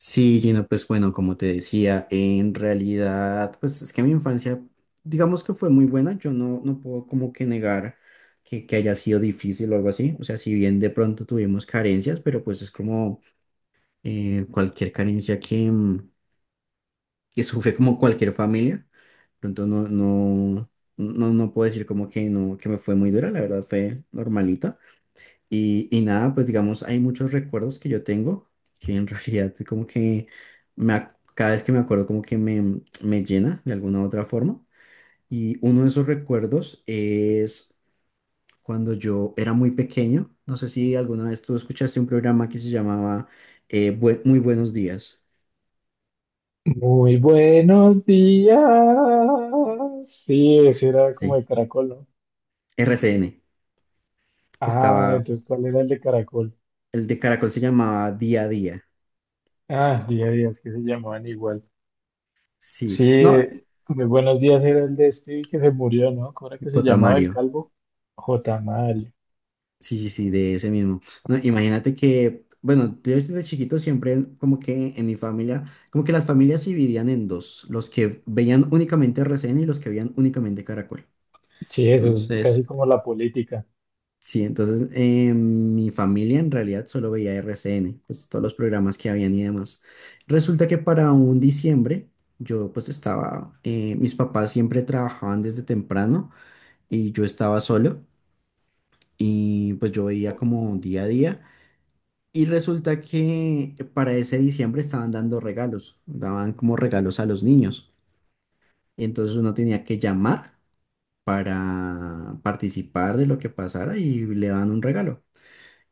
Sí, Gina, pues bueno, como te decía, en realidad, pues es que mi infancia, digamos que fue muy buena, yo no puedo como que negar que haya sido difícil o algo así. O sea, si bien de pronto tuvimos carencias, pero pues es como cualquier carencia que, que sufre como cualquier familia, pronto no, no, no puedo decir como que no, que me fue muy dura, la verdad fue normalita. Y nada, pues digamos, hay muchos recuerdos que yo tengo que en realidad como que cada vez que me acuerdo como que me llena de alguna u otra forma. Y uno de esos recuerdos es cuando yo era muy pequeño. No sé si alguna vez tú escuchaste un programa que se llamaba Muy Buenos Días. Muy buenos días. Sí, ese era como Sí, de caracol, ¿no? RCN, que Ah, estaba, entonces, ¿cuál era el de caracol? el de Caracol se llamaba Día a Día. Ah, día a día, es que se llamaban igual. Sí, Sí, no, muy buenos días era el de este que se murió, ¿no? ¿Cómo era que se llamaba el Cotamario. calvo? J. Mario. Sí, sí, sí, de ese mismo. No, imagínate que, bueno, yo desde chiquito siempre como que en mi familia, como que las familias se dividían en dos: los que veían únicamente RCN y los que veían únicamente Caracol. Sí, eso, casi Entonces, como la política. sí, entonces mi familia en realidad solo veía RCN, pues todos los programas que habían y demás. Resulta que para un diciembre yo pues estaba, mis papás siempre trabajaban desde temprano y yo estaba solo y pues yo veía como día a día. Y resulta que para ese diciembre estaban dando regalos, daban como regalos a los niños. Entonces uno tenía que llamar para participar de lo que pasara y le daban un regalo.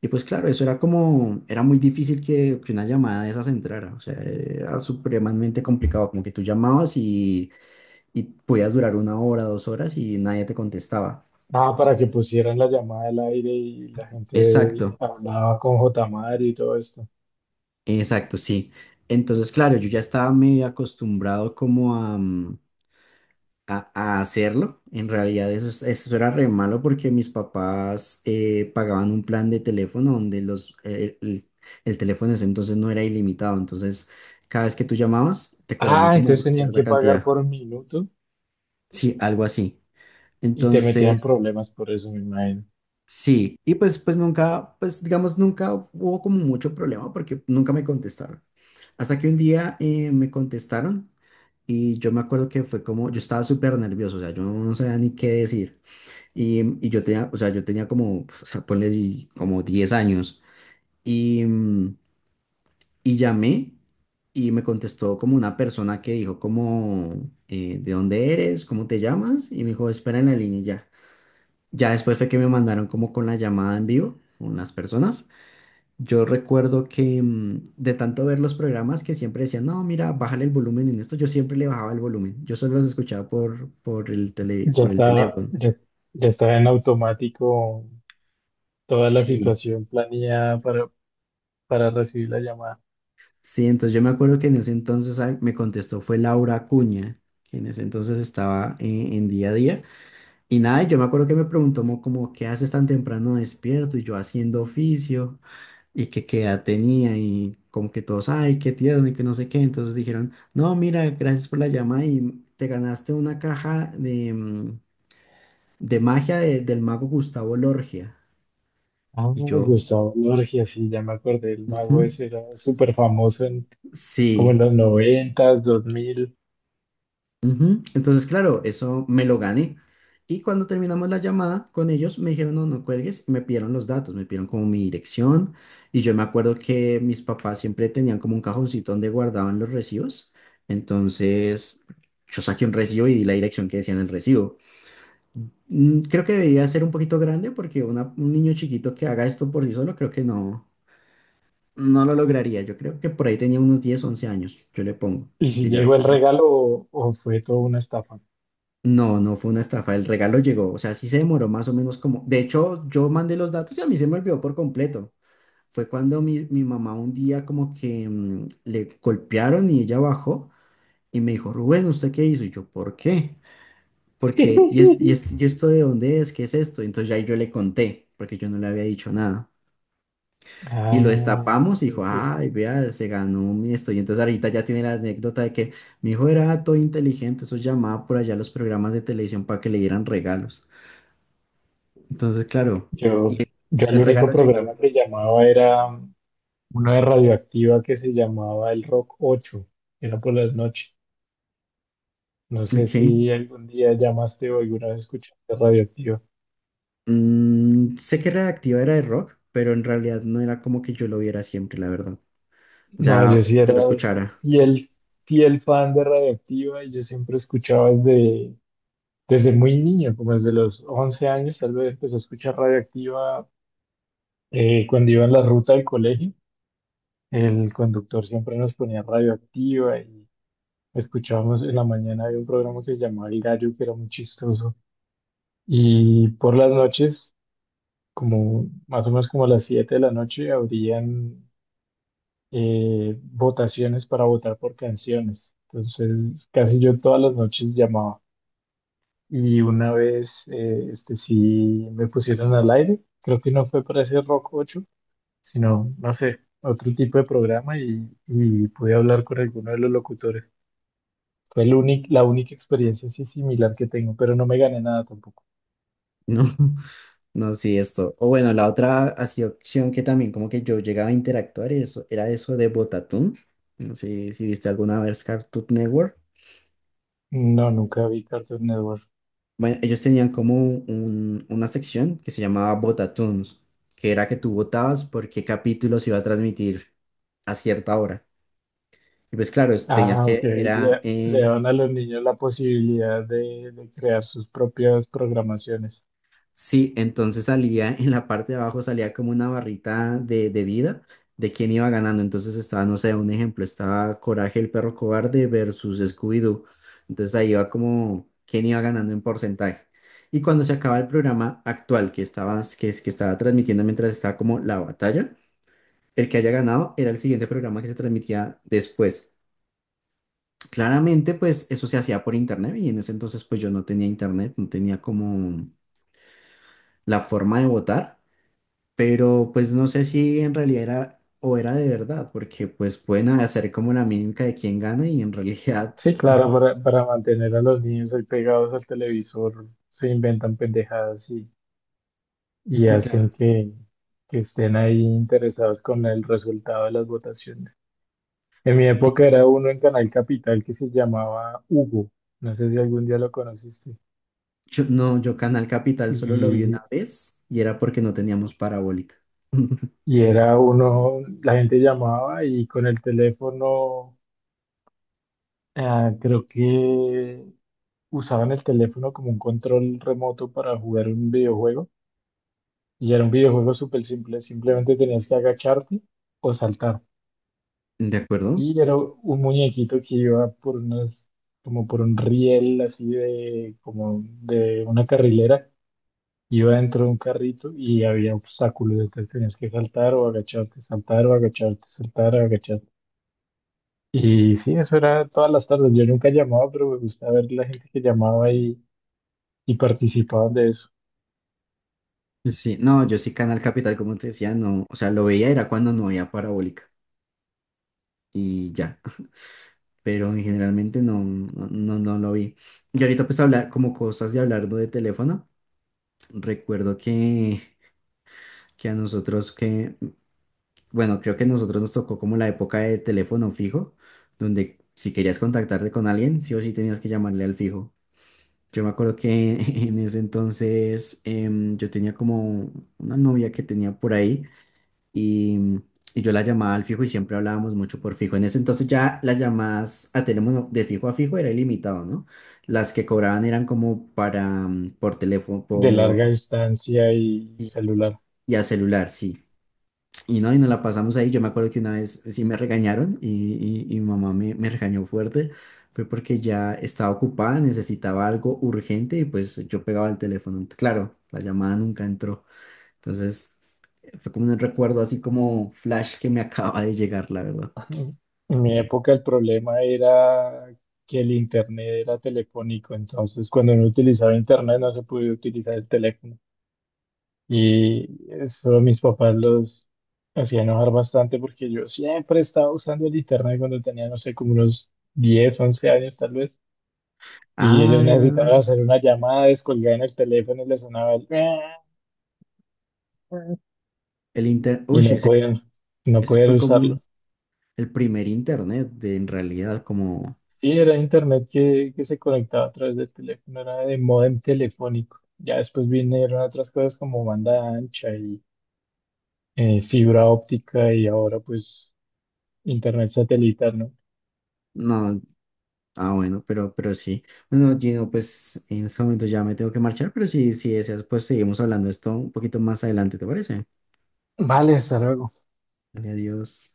Y pues claro, eso era como, era muy difícil que una llamada de esas entrara. O sea, era supremamente complicado, como que tú llamabas y podías durar una hora, dos horas y nadie te contestaba. Ah, para que pusieran la llamada al aire y la Exacto, gente hablaba con J. Mario y todo esto. exacto, sí. Entonces, claro, yo ya estaba medio acostumbrado como a... a hacerlo. En realidad eso, eso era re malo porque mis papás pagaban un plan de teléfono donde el teléfono en ese entonces no era ilimitado. Entonces, cada vez que tú llamabas, te cobraban Ah, como entonces tenían cierta que pagar cantidad. por minuto Sí, algo así. y te metían Entonces, problemas por eso, me imagino. sí. Y pues, pues nunca, pues digamos, nunca hubo como mucho problema porque nunca me contestaron. Hasta que un día me contestaron y yo me acuerdo que fue como, yo estaba súper nervioso. O sea, yo no sabía ni qué decir. Y yo tenía, o sea, yo tenía como, o sea, como 10 años. Y, mm, y llamé y me contestó como una persona que dijo como, ¿de dónde eres? ¿Cómo te llamas? Y me dijo, espera en la línea y ya. Ya después fue que me mandaron como con la llamada en vivo, con las personas. Yo recuerdo que de tanto ver los programas que siempre decían, no, mira, bájale el volumen en esto, yo siempre le bajaba el volumen. Yo solo los escuchaba por el tele, Ya por el está, teléfono. ya, ya está en automático toda la Sí, situación planeada para recibir la llamada. sí, entonces yo me acuerdo que en ese entonces me contestó fue Laura Acuña, que en ese entonces estaba en día a día. Y nada, yo me acuerdo que me preguntó como, ¿qué haces tan temprano despierto? Y yo haciendo oficio y que qué edad tenía y como que todos, ay, qué tierno y que no sé qué. Entonces dijeron, no, mira, gracias por la llamada y te ganaste una caja de magia del mago Gustavo Lorgia. Ah, Y yo, Gustavo Lorgia, sí, ya me acordé, el "Ujú, mago ese era súper famoso en como en sí. los noventas, 2000. Ujú". Entonces, claro, eso me lo gané. Y cuando terminamos la llamada con ellos, me dijeron, no, no cuelgues, y me pidieron los datos, me pidieron como mi dirección. Y yo me acuerdo que mis papás siempre tenían como un cajoncito donde guardaban los recibos. Entonces, yo saqué un recibo y di la dirección que decía en el recibo. Creo que debería ser un poquito grande porque un niño chiquito que haga esto por sí solo, creo que no, no lo lograría. Yo creo que por ahí tenía unos 10 11 años, yo le pongo, ¿Y si que ya. llegó el regalo o fue toda una estafa? No, no fue una estafa, el regalo llegó. O sea, sí se demoró más o menos como, de hecho, yo mandé los datos y a mí se me olvidó por completo. Fue cuando mi mamá un día como que le golpearon y ella bajó y me dijo, Rubén, ¿usted qué hizo? Y yo, ¿por qué? Porque, ¿y esto de dónde es? ¿Qué es esto? Entonces ya yo le conté, porque yo no le había dicho nada. Y Ah, lo destapamos y dijo, este, ay, vea, se ganó mi esto. Y entonces ahorita ya tiene la anécdota de que mi hijo era todo inteligente, eso llamaba por allá a los programas de televisión para que le dieran regalos. Entonces, claro, y yo, yo el el único regalo llegó. programa que llamaba era uno de Radioactiva que se llamaba El Rock 8. Era por las noches. No sé Ok. si algún día llamaste o alguna vez escuchaste Radioactiva. Sé que Radioactiva era de rock, pero en realidad no era como que yo lo viera siempre, la verdad. O No, sea, yo sí que era lo escuchara. fiel, fiel fan de Radioactiva y yo siempre escuchaba desde muy niño, como desde los 11 años. Tal vez empecé a escuchar Radioactiva cuando iba en la ruta del colegio. El conductor siempre nos ponía Radioactiva y escuchábamos en la mañana. Había un programa que se llamaba El Gallo, que era muy chistoso. Y por las noches, como más o menos como a las 7 de la noche, abrían votaciones para votar por canciones. Entonces, casi yo todas las noches llamaba. Y una vez, este sí me pusieron al aire. Creo que no fue para ese Rock 8, sino, no sé, otro tipo de programa, y pude hablar con alguno de los locutores. Fue la única experiencia así similar que tengo, pero no me gané nada tampoco. No, no, sí, esto. O bueno, la otra así opción que también como que yo llegaba a interactuar y eso, era eso de Botatún. No sé si viste alguna vez Cartoon Network. No, nunca vi Cartoon Network. Bueno, ellos tenían como una sección que se llamaba Botatoons, que era que tú votabas por qué capítulo se iba a transmitir a cierta hora. Y pues claro, tenías Ah, ok. que, Le, era, le dan a los niños la posibilidad de crear sus propias programaciones. sí, entonces salía en la parte de abajo, salía como una barrita de vida de quién iba ganando. Entonces estaba, no sé, un ejemplo, estaba Coraje el perro cobarde versus Scooby-Doo. Entonces ahí iba como quién iba ganando en porcentaje. Y cuando se acaba el programa actual que estaba, que estaba transmitiendo mientras estaba como la batalla, el que haya ganado era el siguiente programa que se transmitía después. Claramente, pues eso se hacía por internet y en ese entonces pues yo no tenía internet, no tenía como la forma de votar, pero pues no sé si en realidad era o era de verdad, porque pues pueden hacer como la mímica de quién gana y en realidad Sí, claro, para mantener a los niños ahí pegados al televisor, se inventan pendejadas y sí, hacen claro. que estén ahí interesados con el resultado de las votaciones. En mi Sí, época era uno en Canal Capital que se llamaba Hugo, no sé si algún día lo conociste, yo, no, yo Canal Capital solo lo vi y, una vez y era porque no teníamos parabólica. y era uno, la gente llamaba y con el teléfono, ah, creo que usaban el teléfono como un control remoto para jugar un videojuego. Y era un videojuego súper simple, simplemente tenías que agacharte o saltar. ¿De acuerdo? Y era un muñequito que iba por unas, como por un riel así de, como de una carrilera, iba dentro de un carrito y había obstáculos, entonces tenías que saltar o agacharte, saltar o agacharte, saltar o agacharte. Y sí, eso era todas las tardes. Yo nunca llamaba, pero me gustaba ver la gente que llamaba y participaba de eso, Sí, no, yo sí Canal Capital, como te decía, no, o sea, lo veía era cuando no había parabólica y ya. Pero en generalmente no, no, no, no lo vi. Y ahorita pues hablar como cosas de hablar, ¿no?, de teléfono, recuerdo que a nosotros que, bueno, creo que a nosotros nos tocó como la época de teléfono fijo, donde si querías contactarte con alguien, sí o sí tenías que llamarle al fijo. Yo me acuerdo que en ese entonces yo tenía como una novia que tenía por ahí y, y yo la llamaba al fijo y siempre hablábamos mucho por fijo. En ese entonces ya las llamadas a teléfono de fijo a fijo era ilimitado, ¿no? Las que cobraban eran como para, por teléfono, de por, larga distancia y y, celular. y a celular, sí. Y no, y nos la pasamos ahí. Yo me acuerdo que una vez sí me regañaron y mi mamá me regañó fuerte. Fue porque ya estaba ocupada, necesitaba algo urgente y pues yo pegaba el teléfono. Claro, la llamada nunca entró. Entonces, fue como un recuerdo así como flash que me acaba de llegar, la verdad. En mi época el problema era que el internet era telefónico, entonces cuando no utilizaba internet no se podía utilizar el teléfono. Y eso mis papás los hacía enojar bastante porque yo siempre estaba usando el internet cuando tenía, no sé, como unos 10 u 11 años tal vez. Y ellos necesitaban Ah, hacer una llamada, descolgaban el teléfono y les sonaba el... el inter... Y Uy, no ese, podían, no ese podían fue como usarlo. un- el primer internet, de, en realidad, como... Sí, era internet que se conectaba a través del teléfono, era de módem telefónico. Ya después vinieron otras cosas como banda ancha y fibra óptica y ahora pues internet satelital, ¿no? No, ah, bueno, pero sí. Bueno, Gino, pues en este momento ya me tengo que marchar, pero si, si deseas, pues seguimos hablando de esto un poquito más adelante, ¿te parece? Vale, hasta luego. Dale, adiós.